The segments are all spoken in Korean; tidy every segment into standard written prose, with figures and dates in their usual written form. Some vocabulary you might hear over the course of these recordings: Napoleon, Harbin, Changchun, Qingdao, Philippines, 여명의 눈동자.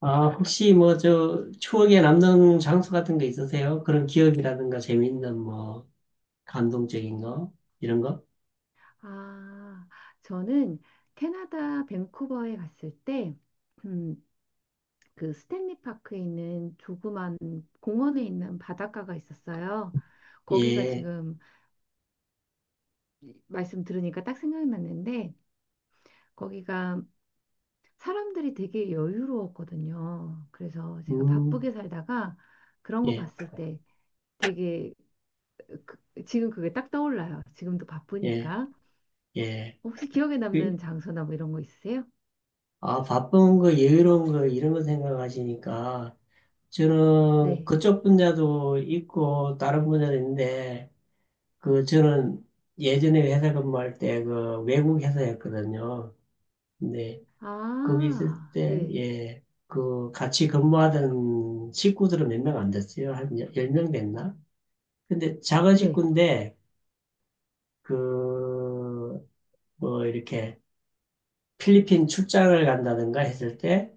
아, 혹시 뭐, 저, 추억에 남는 장소 같은 거 있으세요? 그런 기억이라든가 재미있는 뭐, 감동적인 거? 이런 거? 아, 저는 캐나다 밴쿠버에 갔을 때, 음, 그 스탠리 파크에 있는 조그만 공원에 있는 바닷가가 있었어요. 거기가 예, 지금 말씀 들으니까 딱 생각났는데, 거기가 사람들이 되게 여유로웠거든요. 그래서 제가 음, 바쁘게 살다가 그런 거 예, 봤을 때 되게 그- 지금 그게 딱 떠올라요. 지금도 예, 바쁘니까. 예. 혹시 기억에 그, 남는 장소나 뭐 이런 거 있으세요? 아, 바쁜 거, 여유로운 거, 이런 거 생각하시니까, 저는 네. 그쪽 분야도 있고, 다른 분야도 있는데, 그, 저는 예전에 회사 근무할 때 그 외국 회사였거든요. 근데 거기 있을 아, 때, 네, 예, 그 같이 근무하던 식구들은 몇 명 안 됐어요. 한 열 명 됐나? 근데 작은 네, 식구인데, 그, 뭐, 이렇게 필리핀 출장을 간다든가 했을 때,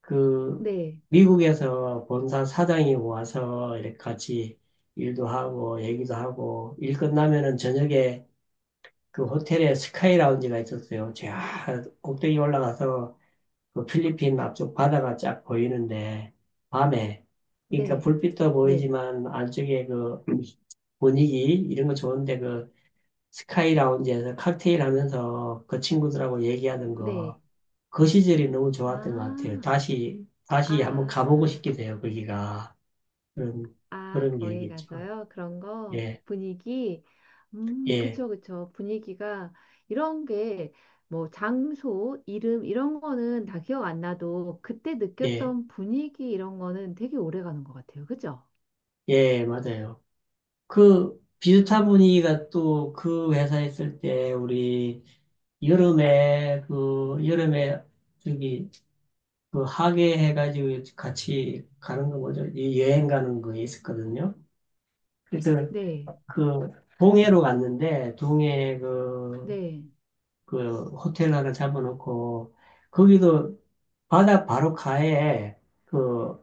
그, 네, 미국에서 본사 사장이 와서 이렇게 같이 일도 하고, 얘기도 하고, 일 끝나면은 저녁에 그 호텔에 스카이 라운지가 있었어요. 저 꼭대기 올라가서 그 필리핀 앞쪽 바다가 쫙 보이는데, 밤에, 그러니까 네, 불빛도 네, 보이지만, 안쪽에 그 분위기, 이런 거 좋은데, 그 스카이 라운지에서 칵테일 하면서 그 친구들하고 얘기하는 네. 거, 그 시절이 너무 좋았던 것 같아요. 아, 다시 한번 가보고 아, 싶기도 해요, 거기가. 그런, 아, 그런 기억이 거기 있죠. 가서요? 그런 거? 예, 분위기? 예, 그쵸, 그쵸. 분위기가 이런 게 뭐 장소, 이름 이런 거는 다 기억 안 나도 그때 예, 느꼈던 분위기 이런 거는 되게 오래 가는 것 같아요. 그죠? 예, 맞아요. 그 그런 비슷한 분, 분위기가 또 그 회사에 있을 때 우리 여름에 저기 그 학예 해가지고 같이 가는 거 뭐죠? 이 여행 가는 거 있었거든요. 그래서 네, 그 동해로 갔는데 동해 네, 그 호텔 하나 잡아놓고 거기도 바다 바로 가에 그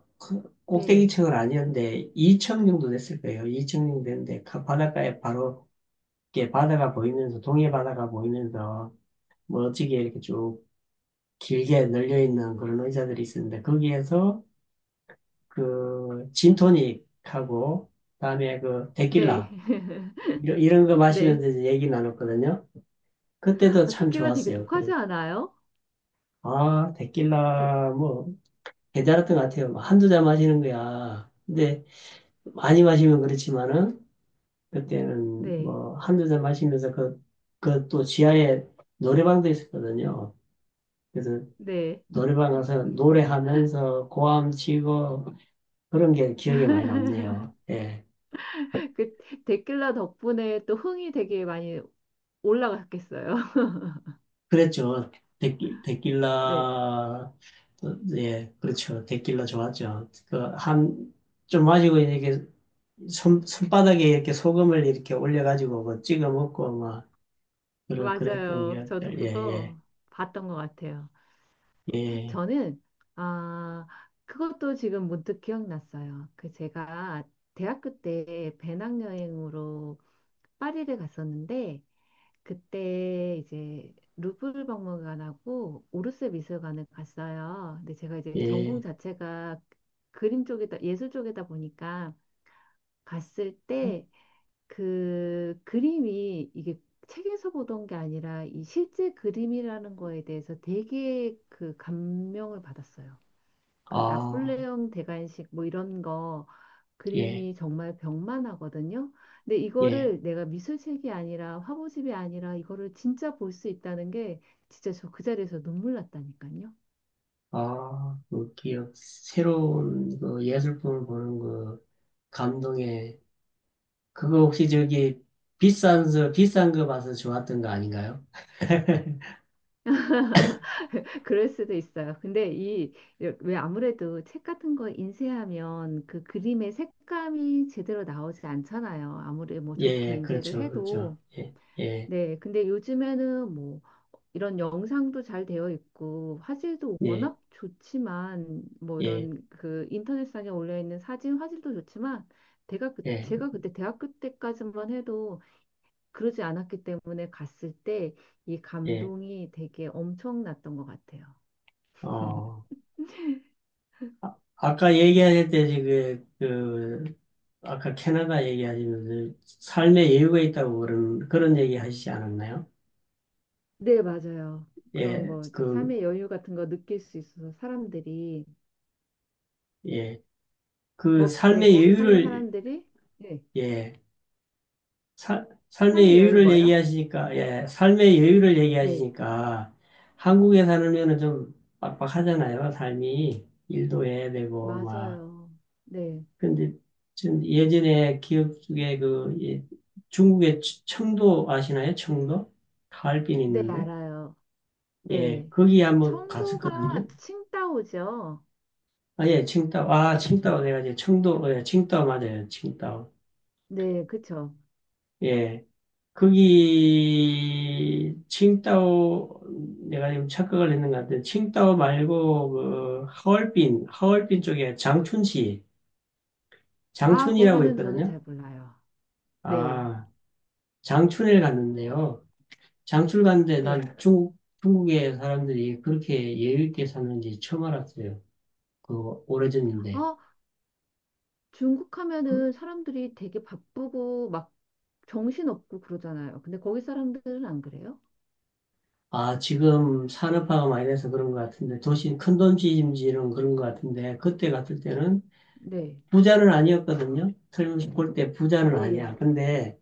네, 꼭대기층은 아니었는데 2층 정도 됐을 거예요. 2층 정도 됐는데 바닷가에 바로 이게 바다가 보이면서 동해 바다가 보이면서 멋지게 이렇게 쭉 길게 널려 있는 그런 의자들이 있었는데 거기에서 그 진토닉하고 그다음에 그 네, 데킬라 이런 거 네. 마시면서 이제 얘기 나눴거든요. 그때도 아, 참 데킬라 되게 좋았어요. 그래. 독하지 않아요? 아, 데- 데킬라 뭐 괜찮았던 것 같아요. 뭐 한두 잔 마시는 거야. 근데 많이 마시면 그렇지만은 그때는 네, 뭐 한두 잔 마시면서 그 또 지하에 노래방도 있었거든요. 그래서 네. 노래방 가서 노래하면서 고함 치고 그런 게 기억에 많이 남네요. 예. 그 데킬라 덕분에 또 흥이 되게 많이 올라갔겠어요. 그랬죠. 네, 데낄라, 예, 그렇죠. 데낄라 좋았죠. 그, 한, 좀 마시고 이렇게 손바닥에 이렇게 소금을 이렇게 올려가지고 뭐 찍어 먹고 막, 그랬던 맞아요. 저도 기억들. 예, 그거 봤던 것 같아요. 예, 예, 저는, 아, 그것도 지금 문득 기억났어요. 그 제가 대학교 때 배낭여행으로 파리를 갔었는데, 그때 이제 루브르 박물관하고 오르세 미술관을 갔어요. 근데 제가 이제 예. 전공 자체가 그림 쪽에다 예술 쪽에다 보니까 갔을 때 그 그림이 이게 책에서 보던 게 아니라 이 실제 그림이라는 거에 대해서 되게 그 감명을 받았어요. 그 아, 나폴레옹 대관식 뭐 이런 거 예, 그림이 정말 벽만 하거든요. 근데 예. 이거를 내가 미술책이 아니라 화보집이 아니라 이거를 진짜 볼 수 있다는 게 진짜 저 그 자리에서 눈물 났다니까요. 아, 그 기억, 새로운 그 예술품을 보는 그 감동의 그거 혹시 저기 비싼 거 봐서 좋았던 거 아닌가요? 그럴 수도 있어요. 근데 이, 왜 아무래도 책 같은 거 인쇄하면 그 그림의 색감이 제대로 나오지 않잖아요. 아무리 뭐 예, 좋게 예, 인쇄를 그렇죠, 그렇죠. 해도. 예, 예, 네. 근데 요즘에는 뭐 이런 영상도 잘 되어 있고 화질도 예, 워낙 좋지만 뭐 예, 이런 그 인터넷상에 올려 있는 사진 화질도 좋지만 예, 제가 그때 대학교 때까지만 해도 그러지 않았기 때문에 갔을 때 이 예. 감동이 되게 엄청났던 것 같아요. 어, 아까 얘기하실 때 지금 그 아까 캐나다 얘기하시면서 삶의 여유가 있다고 그런 얘기 하시지 않았나요? 네, 맞아요. 그런 예, 거 이제 그, 삶의 여유 같은 거 느낄 수 있어서 사람들이 예, 그 거, 네, 삶의 거기 사는 여유를 사람들이 네. 예. 살 삶의 삶의 여유 여유를 뭐요? 얘기하시니까, 예, 네, 한국에 살면은 좀 빡빡하잖아요, 삶이. 일도 해야 되고, 막. 맞아요. 네, 근데, 전 예전에 기억 중에 그, 예, 중국의 청도 아시나요? 청도? 하얼빈 네, 있는데. 알아요. 예, 네. 거기 한번 갔었거든요. 청도가 칭다오죠. 아, 예, 칭다오. 내가 이제 청도, 어, 예, 칭다오 맞아요. 칭다오. 네, 그쵸. 예. 거기 칭따오 내가 지금 착각을 했는 것 같은데 칭따오 말고 그 하얼빈 쪽에 장춘시 아, 장춘이라고 거기는 저는 있거든요. 잘 몰라요. 네, 아 장춘에 갔는데요. 장춘 갔는데 네. 난 중국 중국의 사람들이 그렇게 예의 있게 사는지 처음 알았어요. 그 오래전인데. 아, 중국 하면은 사람들이 되게 바쁘고 막 정신없고 그러잖아요. 근데 거기 사람들은 안 그래요? 아, 지금 산업화가 많이 돼서 그런 것 같은데, 도시, 큰 도시임지는 그런 것 같은데, 그때 갔을 때는 네, 부자는 아니었거든요. 설어서 볼 때 부자는 네, 아니야. 근데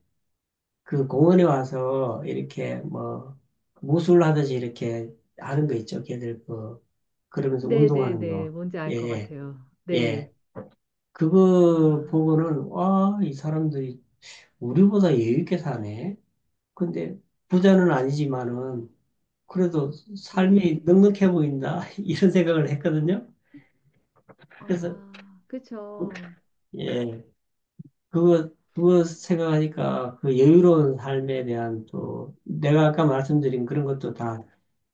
그 공원에 와서 이렇게 뭐 무술 하듯이 이렇게 하는 거 있죠. 걔들 그러면서 네, 네, 운동하는 네. 거. 뭔지 예, 알 것 예. 같아요. 네. 예. 아, 그거 보고는 와, 이 사람들이 우리보다 여유 있게 사네. 근데 부자는 아니지만은 그래도 삶이 네. 넉넉해 보인다. 이런 생각을 했거든요. 그래서 아, 그쵸. 예. 그거, 그거 생각하니까 그 여유로운 삶에 대한 또, 내가 아까 말씀드린 그런 것도 다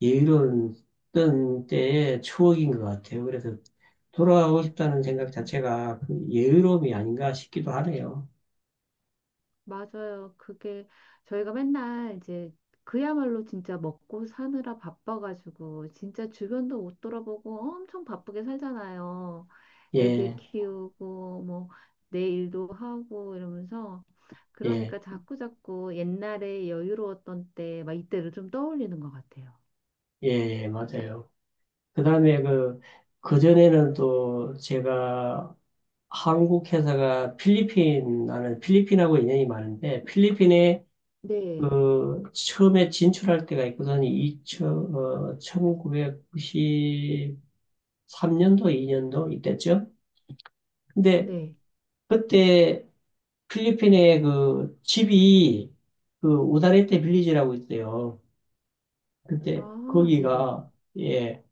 여유로운 어떤 때의 추억인 것 같아요. 그래서 돌아가고 싶다는 음, 생각 음. 자체가 그 여유로움이 아닌가 싶기도 하네요. 맞아요. 그게 저희가 맨날 이제 그야말로 진짜 먹고 사느라 바빠가지고 진짜 주변도 못 돌아보고 엄청 바쁘게 살잖아요. 애들 예, 키우고 뭐 내 일도 하고 이러면서 예, 그러니까 자꾸 옛날에 여유로웠던 때 막 이때를 좀 떠올리는 것 같아요. 예, 예, 맞아요. 그 다음에 그, 그전에는 또 제가 한국 회사가 필리핀, 나는 필리핀하고 인연이 많은데, 필리핀에 네. 그 처음에 진출할 때가 있거든. 2 1993년도, 2년도 이때쯤. 근데 네. 그때 필리핀에 그 집이 그 우다레테 빌리지라고 있어요. 근데 아, 네네. 거기가 예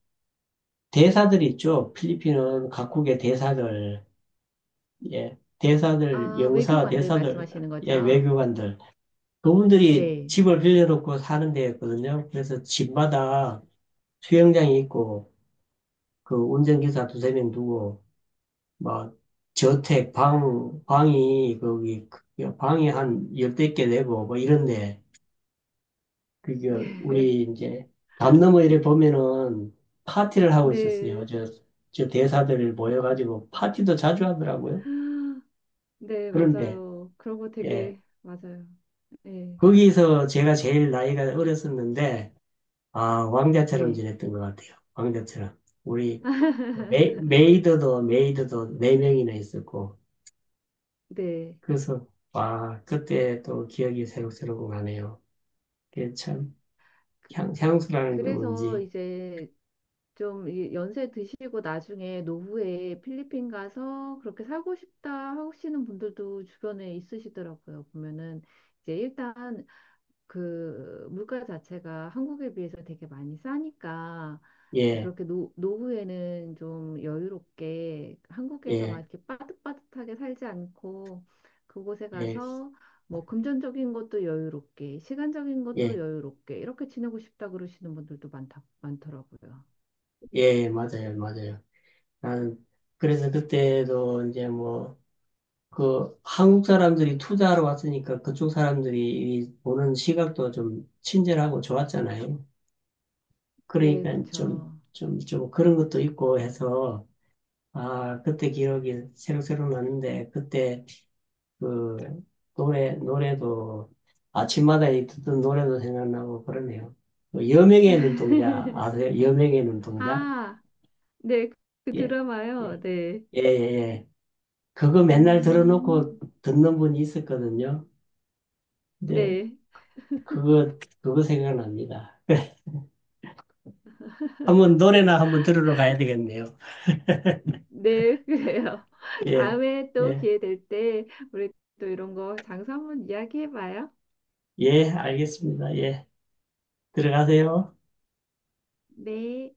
대사들 있죠. 필리핀은 각국의 대사들 예 대사들 아, 영사 외교관들 대사들 말씀하시는 예 거죠? 외교관들 그분들이 네. 집을 빌려놓고 사는 데였거든요. 그래서 집마다 수영장이 있고 그 운전기사 두세 명 두고, 막, 저택, 방이, 거기, 그 방이 한 열댓 개 되고, 뭐 이런데, 그게, 네. 우리 이제, 담 너머 이래 보면은 파티를 하고 있었어요. 저, 저 네. 대사들 모여가지고 파티도 자주 하더라고요. 네, 그런데, 맞아요. 그런 거 예. 되게 맞아요. 네, 거기서 제가 제일 나이가 어렸었는데, 아, 왕자처럼 네, 지냈던 것 같아요. 왕자처럼. 우리, 그 메이드도 네명이나 있었고, 네. 그래서, 와, 그때 또 기억이 새록새록 나네요. 그게 참, 그, 향수라는 게 그래서 뭔지. 이제 좀이 연세 드시고 나중에 노후에 필리핀 가서 그렇게 살고 싶다 하시는 분들도 주변에 있으시더라고요. 보면은 이제 일단 그 물가 자체가 한국에 비해서 되게 많이 싸니까 예, 그렇게 노, 노후에는 좀 여유롭게 한국에서 막 예, 이렇게 빠듯빠듯하게 살지 않고 그곳에 예, 가서 뭐 금전적인 것도 여유롭게 시간적인 것도 예, 여유롭게 이렇게 지내고 싶다 그러시는 분들도 많다 많더라고요. 예, 맞아요, 맞아요. 나는, 그래서 그때도 이제 뭐, 그, 한국 사람들이 투자하러 왔으니까 그쪽 사람들이 이 보는 시각도 좀 친절하고 좋았잖아요. 네, 그러니까 그쵸. 좀 그런 것도 있고 해서, 아, 그때 기억이 새록새록 나는데, 그때 그 노래도 아침마다 이 듣던 노래도 생각나고 그러네요. 그 여명의 눈동자 아세요? 여명의 눈동자? 아, 네, 그 예. 예. 드라마요. 네. 예, 예, 예. 그거 맨날 음. 들어놓고 듣는 분이 있었거든요. 근데 네. 그거 생각납니다. 한번 노래나 한번 들으러 가야 되겠네요. 네, 그래요. 예. 다음에 또 예. 기회 될 때 우리 또 이런 거 장소 한번 이야기해 봐요. 예, 알겠습니다. 예. 들어가세요. 네.